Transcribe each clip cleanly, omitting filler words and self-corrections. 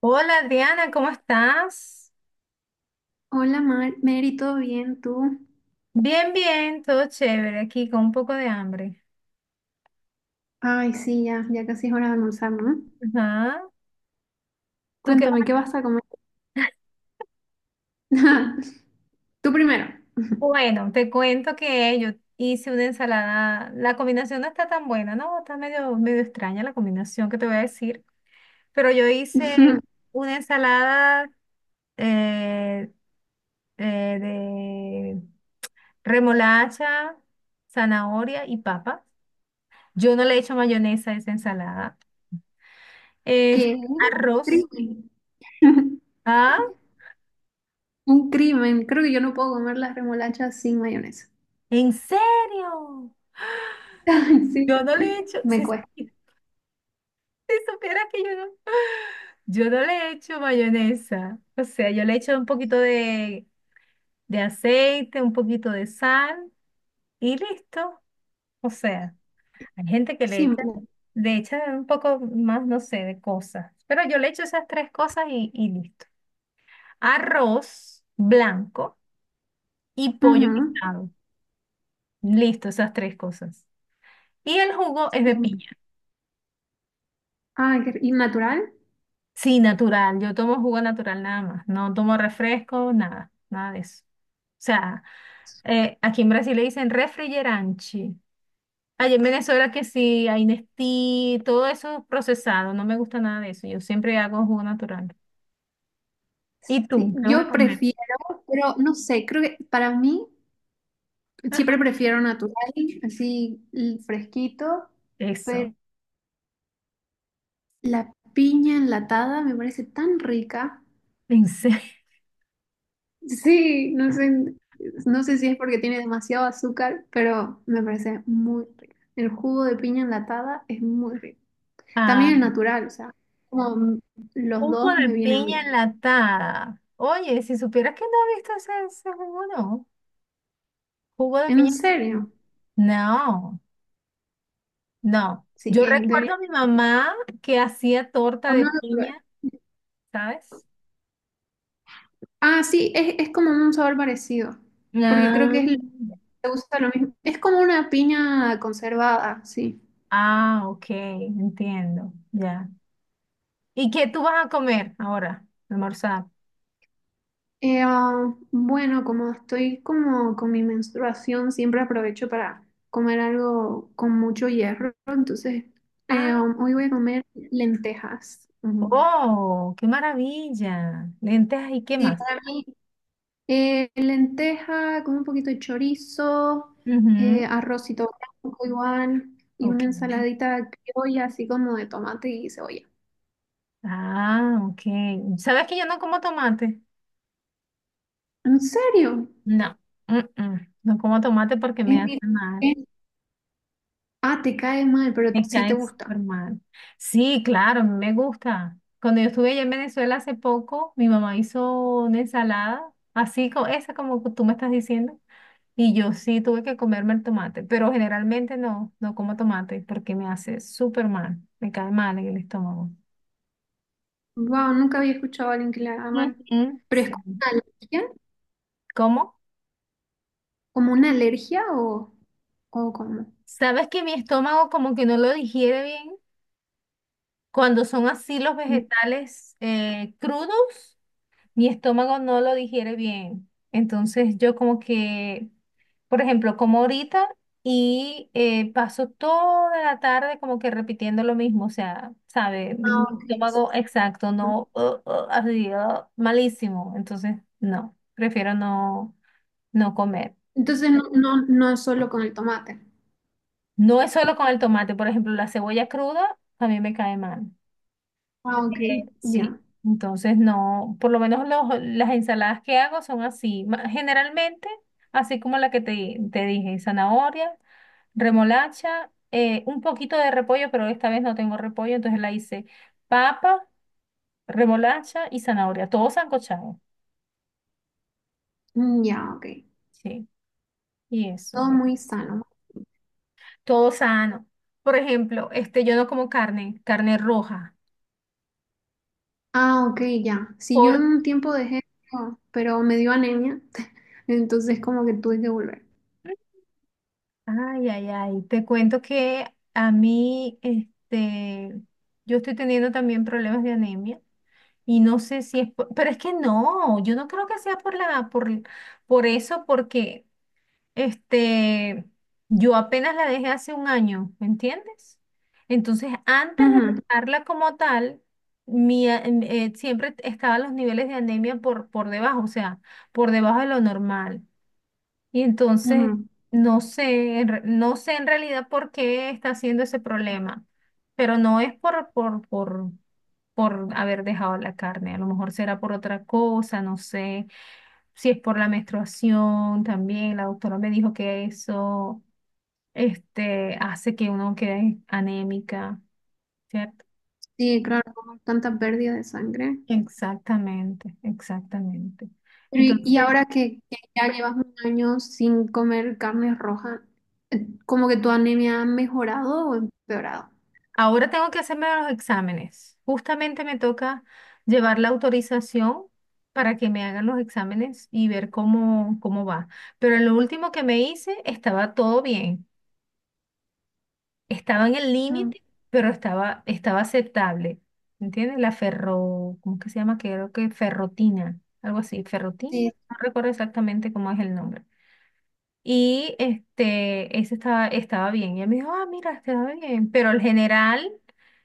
Hola Adriana, ¿cómo estás? Hola Mar Mary, ¿todo bien tú? Bien, todo chévere aquí con un poco de hambre. Ay, sí, ya, ya casi es hora de almorzar, ¿no? Ajá. ¿Tú qué? Cuéntame, Vas ¿qué a- vas a comer? Tú primero. Bueno, te cuento que yo hice una ensalada. La combinación no está tan buena, ¿no? Está medio extraña la combinación que te voy a decir. Pero yo hice una ensalada eh, de remolacha, zanahoria y papa. Yo no le he hecho mayonesa a esa ensalada. Este, ¿Qué? arroz. Crimen. ¿Ah? Un crimen. Creo que yo no puedo comer las remolachas sin mayonesa. ¿En serio? Yo Sí, no le he hecho, si, me cuesta. Si supieras que yo no le he hecho mayonesa. O sea, yo le he hecho un poquito de aceite, un poquito de sal y listo. O sea, hay gente que le echa, Siempre. le echa un poco más, no sé, de cosas. Pero yo le echo esas tres cosas y listo. Arroz blanco y pollo Ujú. guisado. Listo, esas tres cosas. Y el jugo es de Siempre. piña. ¿Y natural? Sí, natural. Yo tomo jugo natural nada más. No tomo refresco, nada de eso. O sea, aquí en Brasil le dicen refrigeranchi. Allá en Venezuela que sí, hay Nestí, todo eso procesado. No me gusta nada de eso. Yo siempre hago jugo natural. ¿Y Sí, tú? ¿Qué vas a yo comer? prefiero, pero no sé, creo que para mí siempre Ajá. prefiero natural, fresquito. Eso. La piña enlatada me parece tan rica. Pensé. Sí, no sé, no sé si es porque tiene demasiado azúcar, pero me parece muy rica. El jugo de piña enlatada es muy rico. Ah, También el natural, o sea, como m- los jugo dos de me vienen piña bien. enlatada. Oye, si supieras que no he visto ese jugo, no. Jugo de ¿En piña. serio? No. No, Sí, yo recuerdo a mi mamá que hacía torta o de no lo probé. piña, ¿sabes? Ah, sí, es como un sabor parecido, porque creo Ah, que se usa lo mismo. Es como una piña conservada, sí. Ok, entiendo, ya. ¿Y qué tú vas a comer ahora, almorzar? Eh, ah, bueno, como estoy como con mi menstruación, siempre aprovecho para comer algo con mucho hierro, entonces Ah, hoy voy a comer lentejas. Ujú. oh, qué maravilla. Lentejas y qué Sí, más. para mí lenteja con un poquito de chorizo, Ujú, arrocito blanco igual y ok. una ensaladita criolla así como de tomate y cebolla. Ah, ok. ¿Sabes que yo no como tomate? ¿En serio? No. Mm, mm. No como tomate porque me Es mi- hace mal. es- ah, Te cae mal, pero Me sí te cae gusta. súper mal. Sí, claro, a mí me gusta. Cuando yo estuve allá en Venezuela hace poco, mi mamá hizo una ensalada, así como esa como tú me estás diciendo, y yo sí tuve que comerme el tomate, pero generalmente no como tomate porque me hace súper mal, me cae mal en el estómago. Wow, nunca había escuchado a alguien que la aman. Ujú, ¿Pero es sí. como una alergia? ¿Cómo? ¿Como una alergia o cómo? ¿Sabes que mi estómago como que no lo digiere bien cuando son así los vegetales crudos? Mi estómago no lo digiere bien. Entonces yo como que, por ejemplo, como ahorita y paso toda la tarde como que repitiendo lo mismo, o sea, ¿sabe? Mi Ah, mi ok, sí. estómago exacto, malísimo. Entonces, no, prefiero no comer. Entonces no, no es solo con el tomate. No es solo con el tomate, por ejemplo, la cebolla cruda a mí me cae mal. Ah, ok, Sí, ya. entonces no, por lo menos las ensaladas que hago son así, generalmente, así como la que te dije, zanahoria, remolacha, un poquito de repollo, pero esta vez no tengo repollo, entonces la hice papa, remolacha y zanahoria, todo sancochado, Mm, ya, ok. sí, y eso, Todo muy sano. todo sano. Por ejemplo, este, yo no como carne, carne roja. Ah, ok, ya. Si yo un tiempo dejé, oh, pero me dio anemia, entonces como que tuve que volver. Ay, ay, ay, te cuento que a mí, este, yo estoy teniendo también problemas de anemia y no sé si es, pero es que no, yo no creo que sea por por eso, porque, este, yo apenas la dejé hace 1 año, ¿me entiendes? Entonces, antes de Ujú, dejarla como tal, siempre estaban los niveles de anemia por debajo, o sea, por debajo de lo normal. Y entonces, ujú. no sé, no sé en realidad por qué está haciendo ese problema, pero no es por haber dejado la carne, a lo mejor será por otra cosa, no sé, si es por la menstruación también, la doctora me dijo que eso, este, hace que uno quede anémica, ¿cierto? Sí, claro, como tanta pérdida de sangre. Exactamente, exactamente. Pero y Entonces, y ahora que ya llevas un año sin comer carne roja, ¿como que tu anemia ha mejorado o empeorado? ahora tengo que hacerme los exámenes. Justamente me toca llevar la autorización para que me hagan los exámenes y ver cómo, cómo va. Pero en lo último que me hice estaba todo bien. Estaba en el Mm, límite, pero estaba aceptable. ¿Entiendes? La ferro, ¿cómo que se llama? Creo que ferrotina, algo así. Ferrotina, sí, no recuerdo exactamente cómo es el nombre. Y este, ese estaba bien. Y él me dijo, ah, mira, estaba bien. Pero el general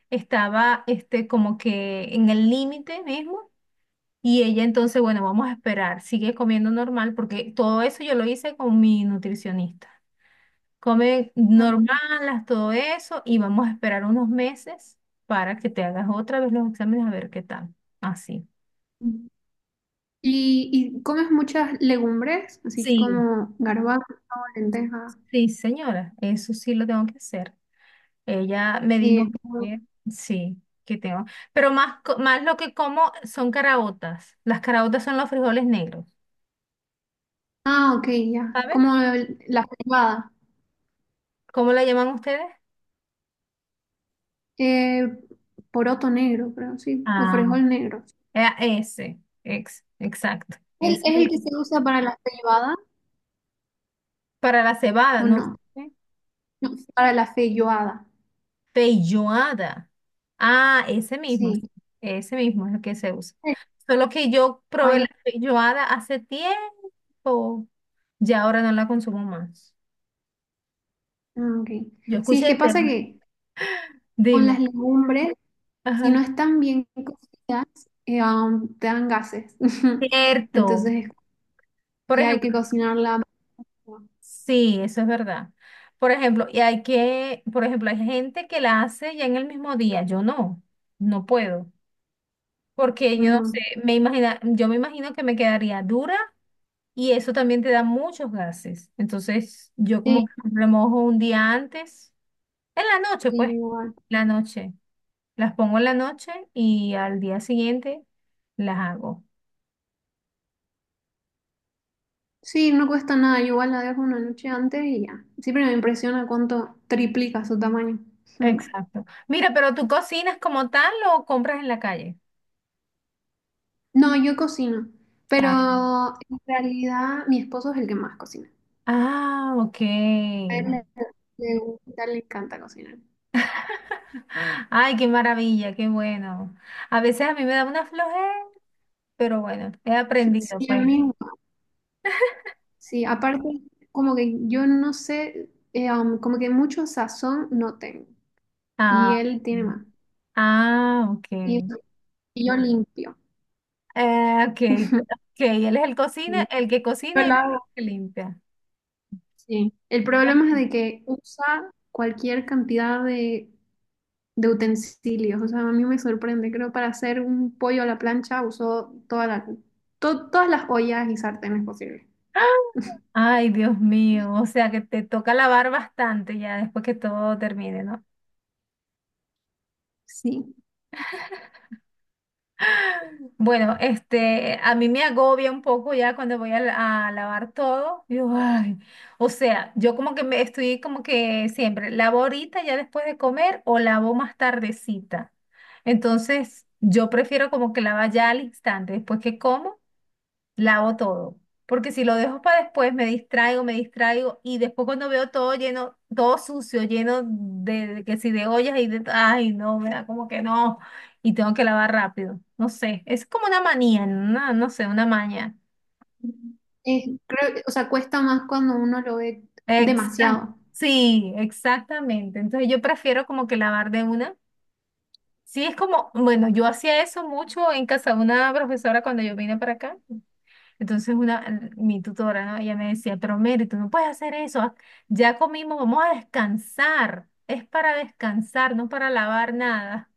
estaba este, como que en el límite mismo. Y ella entonces, bueno, vamos a esperar, sigue comiendo normal, porque todo eso yo lo hice con mi nutricionista. Come normal, ok. haz todo eso, y vamos a esperar unos meses para que te hagas otra vez los exámenes a ver qué tal. Así. Mm. ¿Y, y comes muchas legumbres, así Sí, como garbanzo, lenteja? sí, señora, eso sí lo tengo que hacer. Ella me dijo Sí. que sí, que tengo. Pero más lo que como son caraotas. Las caraotas son los frijoles negros. Ah, ok, ya. ¿Saben? La frijolada. ¿Cómo la llaman ustedes? Eh, poroto negro, creo, sí. O Ah, frijol negro. eh, exacto. Ese. ¿Es el que se usa para la feijoada Para la cebada, o no no? sé. No, para la feijoada. Pelloada. Ah, ese mismo. Sí, Sí. ese mismo es el que se usa. Solo que yo probé la Ay, pelloada hace tiempo. Ya ahora no la consumo más. ah, ok. Yo Sí, es escuché que el pasa tema. que con las Dime. legumbres, si no Ajá. están bien cocidas, te dan gases. Cierto. Entonces, Por sí, hay ejemplo, que cocinarla. sí, eso es verdad. Por ejemplo, y hay que, por ejemplo, hay gente que la hace ya en el mismo día. Yo no, no puedo. Porque yo no sé, Ujú. me imagina, yo me imagino que me quedaría dura y eso también te da muchos gases. Entonces, yo como Sí, que remojo un día antes, en la noche, sí, pues, igual. la noche. Las pongo en la noche y al día siguiente las hago. Sí, no cuesta nada. Yo igual la dejo una noche antes y ya. Siempre me impresiona cuánto triplica su tamaño. Ujú. Exacto. Mira, pero ¿tú cocinas como tal o compras en la calle? No, yo cocino, pero en realidad mi esposo es el que más cocina. Ah, ok. A él le, le gusta, le encanta cocinar. Ay, qué maravilla, qué bueno. A veces a mí me da una flojera, pero bueno, he aprendido, Sí, a pues. mí. Sí, aparte, como que yo no sé, como que mucho sazón no tengo. Y Ah, él tiene más. Ok. Y, y yo limpio. Eh, ok, ok, él es el cocina, Sí. el que Yo cocina y tú el la que limpia. sí. El problema es de que usa cualquier cantidad de utensilios. O sea, a mí me sorprende. Creo para hacer un pollo a la plancha usó todas las ollas y sartenes posibles. Ay, Dios mío, o sea que te toca lavar bastante ya después que todo termine, ¿no? Sí. Bueno, este, a mí me agobia un poco ya cuando voy a, a lavar todo. Digo, ay, o sea, yo como que me estoy como que siempre lavo ahorita ya después de comer o lavo más tardecita. Entonces, yo prefiero como que lavar ya al instante, después que como lavo todo. Porque si lo dejo para después, me distraigo, y después cuando veo todo lleno, todo sucio, lleno de que si de ollas y de, ay, no, me da como que no, y tengo que lavar rápido. No sé, es como una manía, no, no sé, una maña. Creo, o sea, cuesta más cuando uno lo ve Exacto. demasiado. Sí, exactamente. Entonces yo prefiero como que lavar de una. Sí, es como, bueno, yo hacía eso mucho en casa de una profesora cuando yo vine para acá. Entonces una, mi tutora, ¿no? Ella me decía, pero Mary, tú no puedes hacer eso, haz- ya comimos, vamos a descansar, es para descansar, no para lavar nada.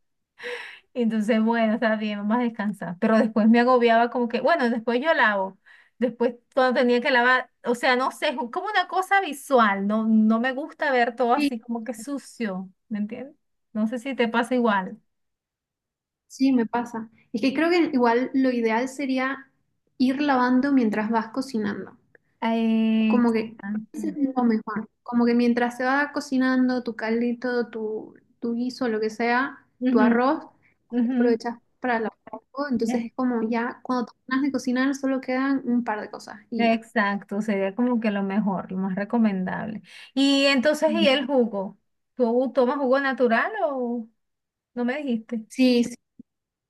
Y entonces, bueno, está bien, vamos a descansar. Pero después me agobiaba como que, bueno, después yo lavo, después cuando tenía que lavar, o sea, no sé, es como una cosa visual, no, no me gusta ver todo así como que sucio, ¿me entiendes? No sé si te pasa igual. Sí, me pasa. Es que creo que igual lo ideal sería ir lavando mientras vas cocinando. Ay, Como que exacto. lo mejor, como que mientras se va cocinando tu caldito, tu guiso, lo que sea, tu Ujú, arroz, aprovechas para lavar algo. ujú. Entonces es como ya cuando terminas de cocinar solo quedan un par de cosas y ya. Exacto, sería como que lo mejor, lo más recomendable. Y entonces, ¿y Mm. el jugo? ¿Tú tomas jugo natural o no me dijiste? Sí,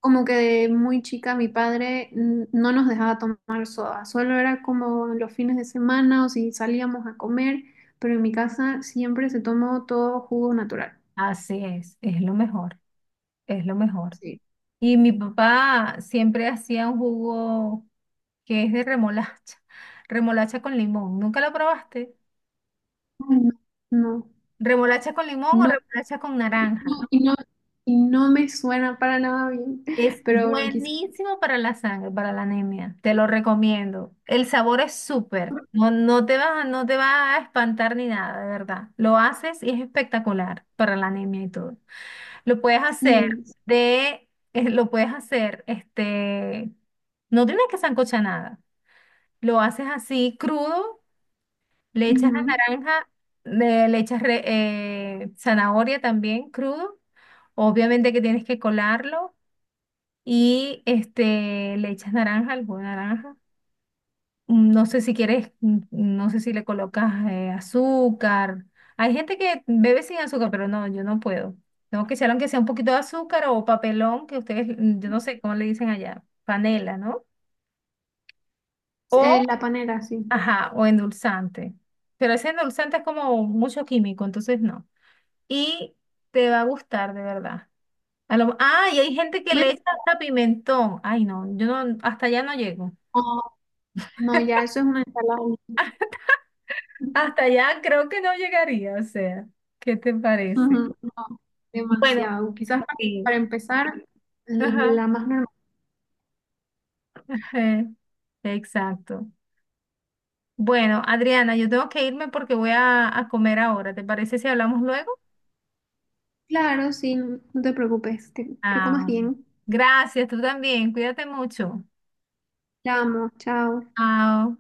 como que de muy chica mi padre mm, no nos dejaba tomar soda, solo era como los fines de semana o si salíamos a comer, pero en mi casa siempre se tomó todo jugo natural. Así es lo mejor, es lo mejor. Sí. Y mi papá siempre hacía un jugo que es de remolacha, remolacha con limón. ¿Nunca lo probaste? Ay, no, ¿Remolacha con limón o no, remolacha con naranja? no, y no, y no me suena para nada bien, Es pero bueno, quizás buenísimo para la sangre, para la anemia. Te lo recomiendo. El sabor es súper. No, no te va a espantar ni nada, de verdad. Lo haces y es espectacular para la anemia y todo. Lo puedes hacer sí. Lo puedes hacer, este, no tienes que sancochar nada. Lo haces así crudo, le echas la Ujú. naranja, le echas zanahoria también crudo. Obviamente que tienes que colarlo y este, le echas naranja, al jugo de naranja. Mm, no sé si quieres, mm, no sé si le colocas azúcar. Hay gente que bebe sin azúcar, pero no, yo no puedo. Tengo que echar aunque sea un poquito de azúcar o papelón, que ustedes, mm, yo no sé cómo le dicen allá, panela, ¿no? O, La panera, sí. ajá, o endulzante. Pero ese endulzante es como mucho químico, entonces no. Y te va a gustar, de verdad. A lo- ah, y hay gente que ¿Ves? le echa hasta pimentón. Ay, no, yo no, hasta allá no llego. No, no, ya eso es una ensalada. Hasta allá creo que no llegaría, o sea, ¿qué te parece? Ujú, no, Bueno, demasiado. Quizás sí, para empezar, ajá, la más normal. ajá, exacto. Bueno, Adriana, yo tengo que irme porque voy a comer ahora. ¿Te parece si hablamos luego? Claro, sí, no te preocupes, que comas Ah, bien. gracias, tú también, cuídate mucho. La amo, chao. Chao.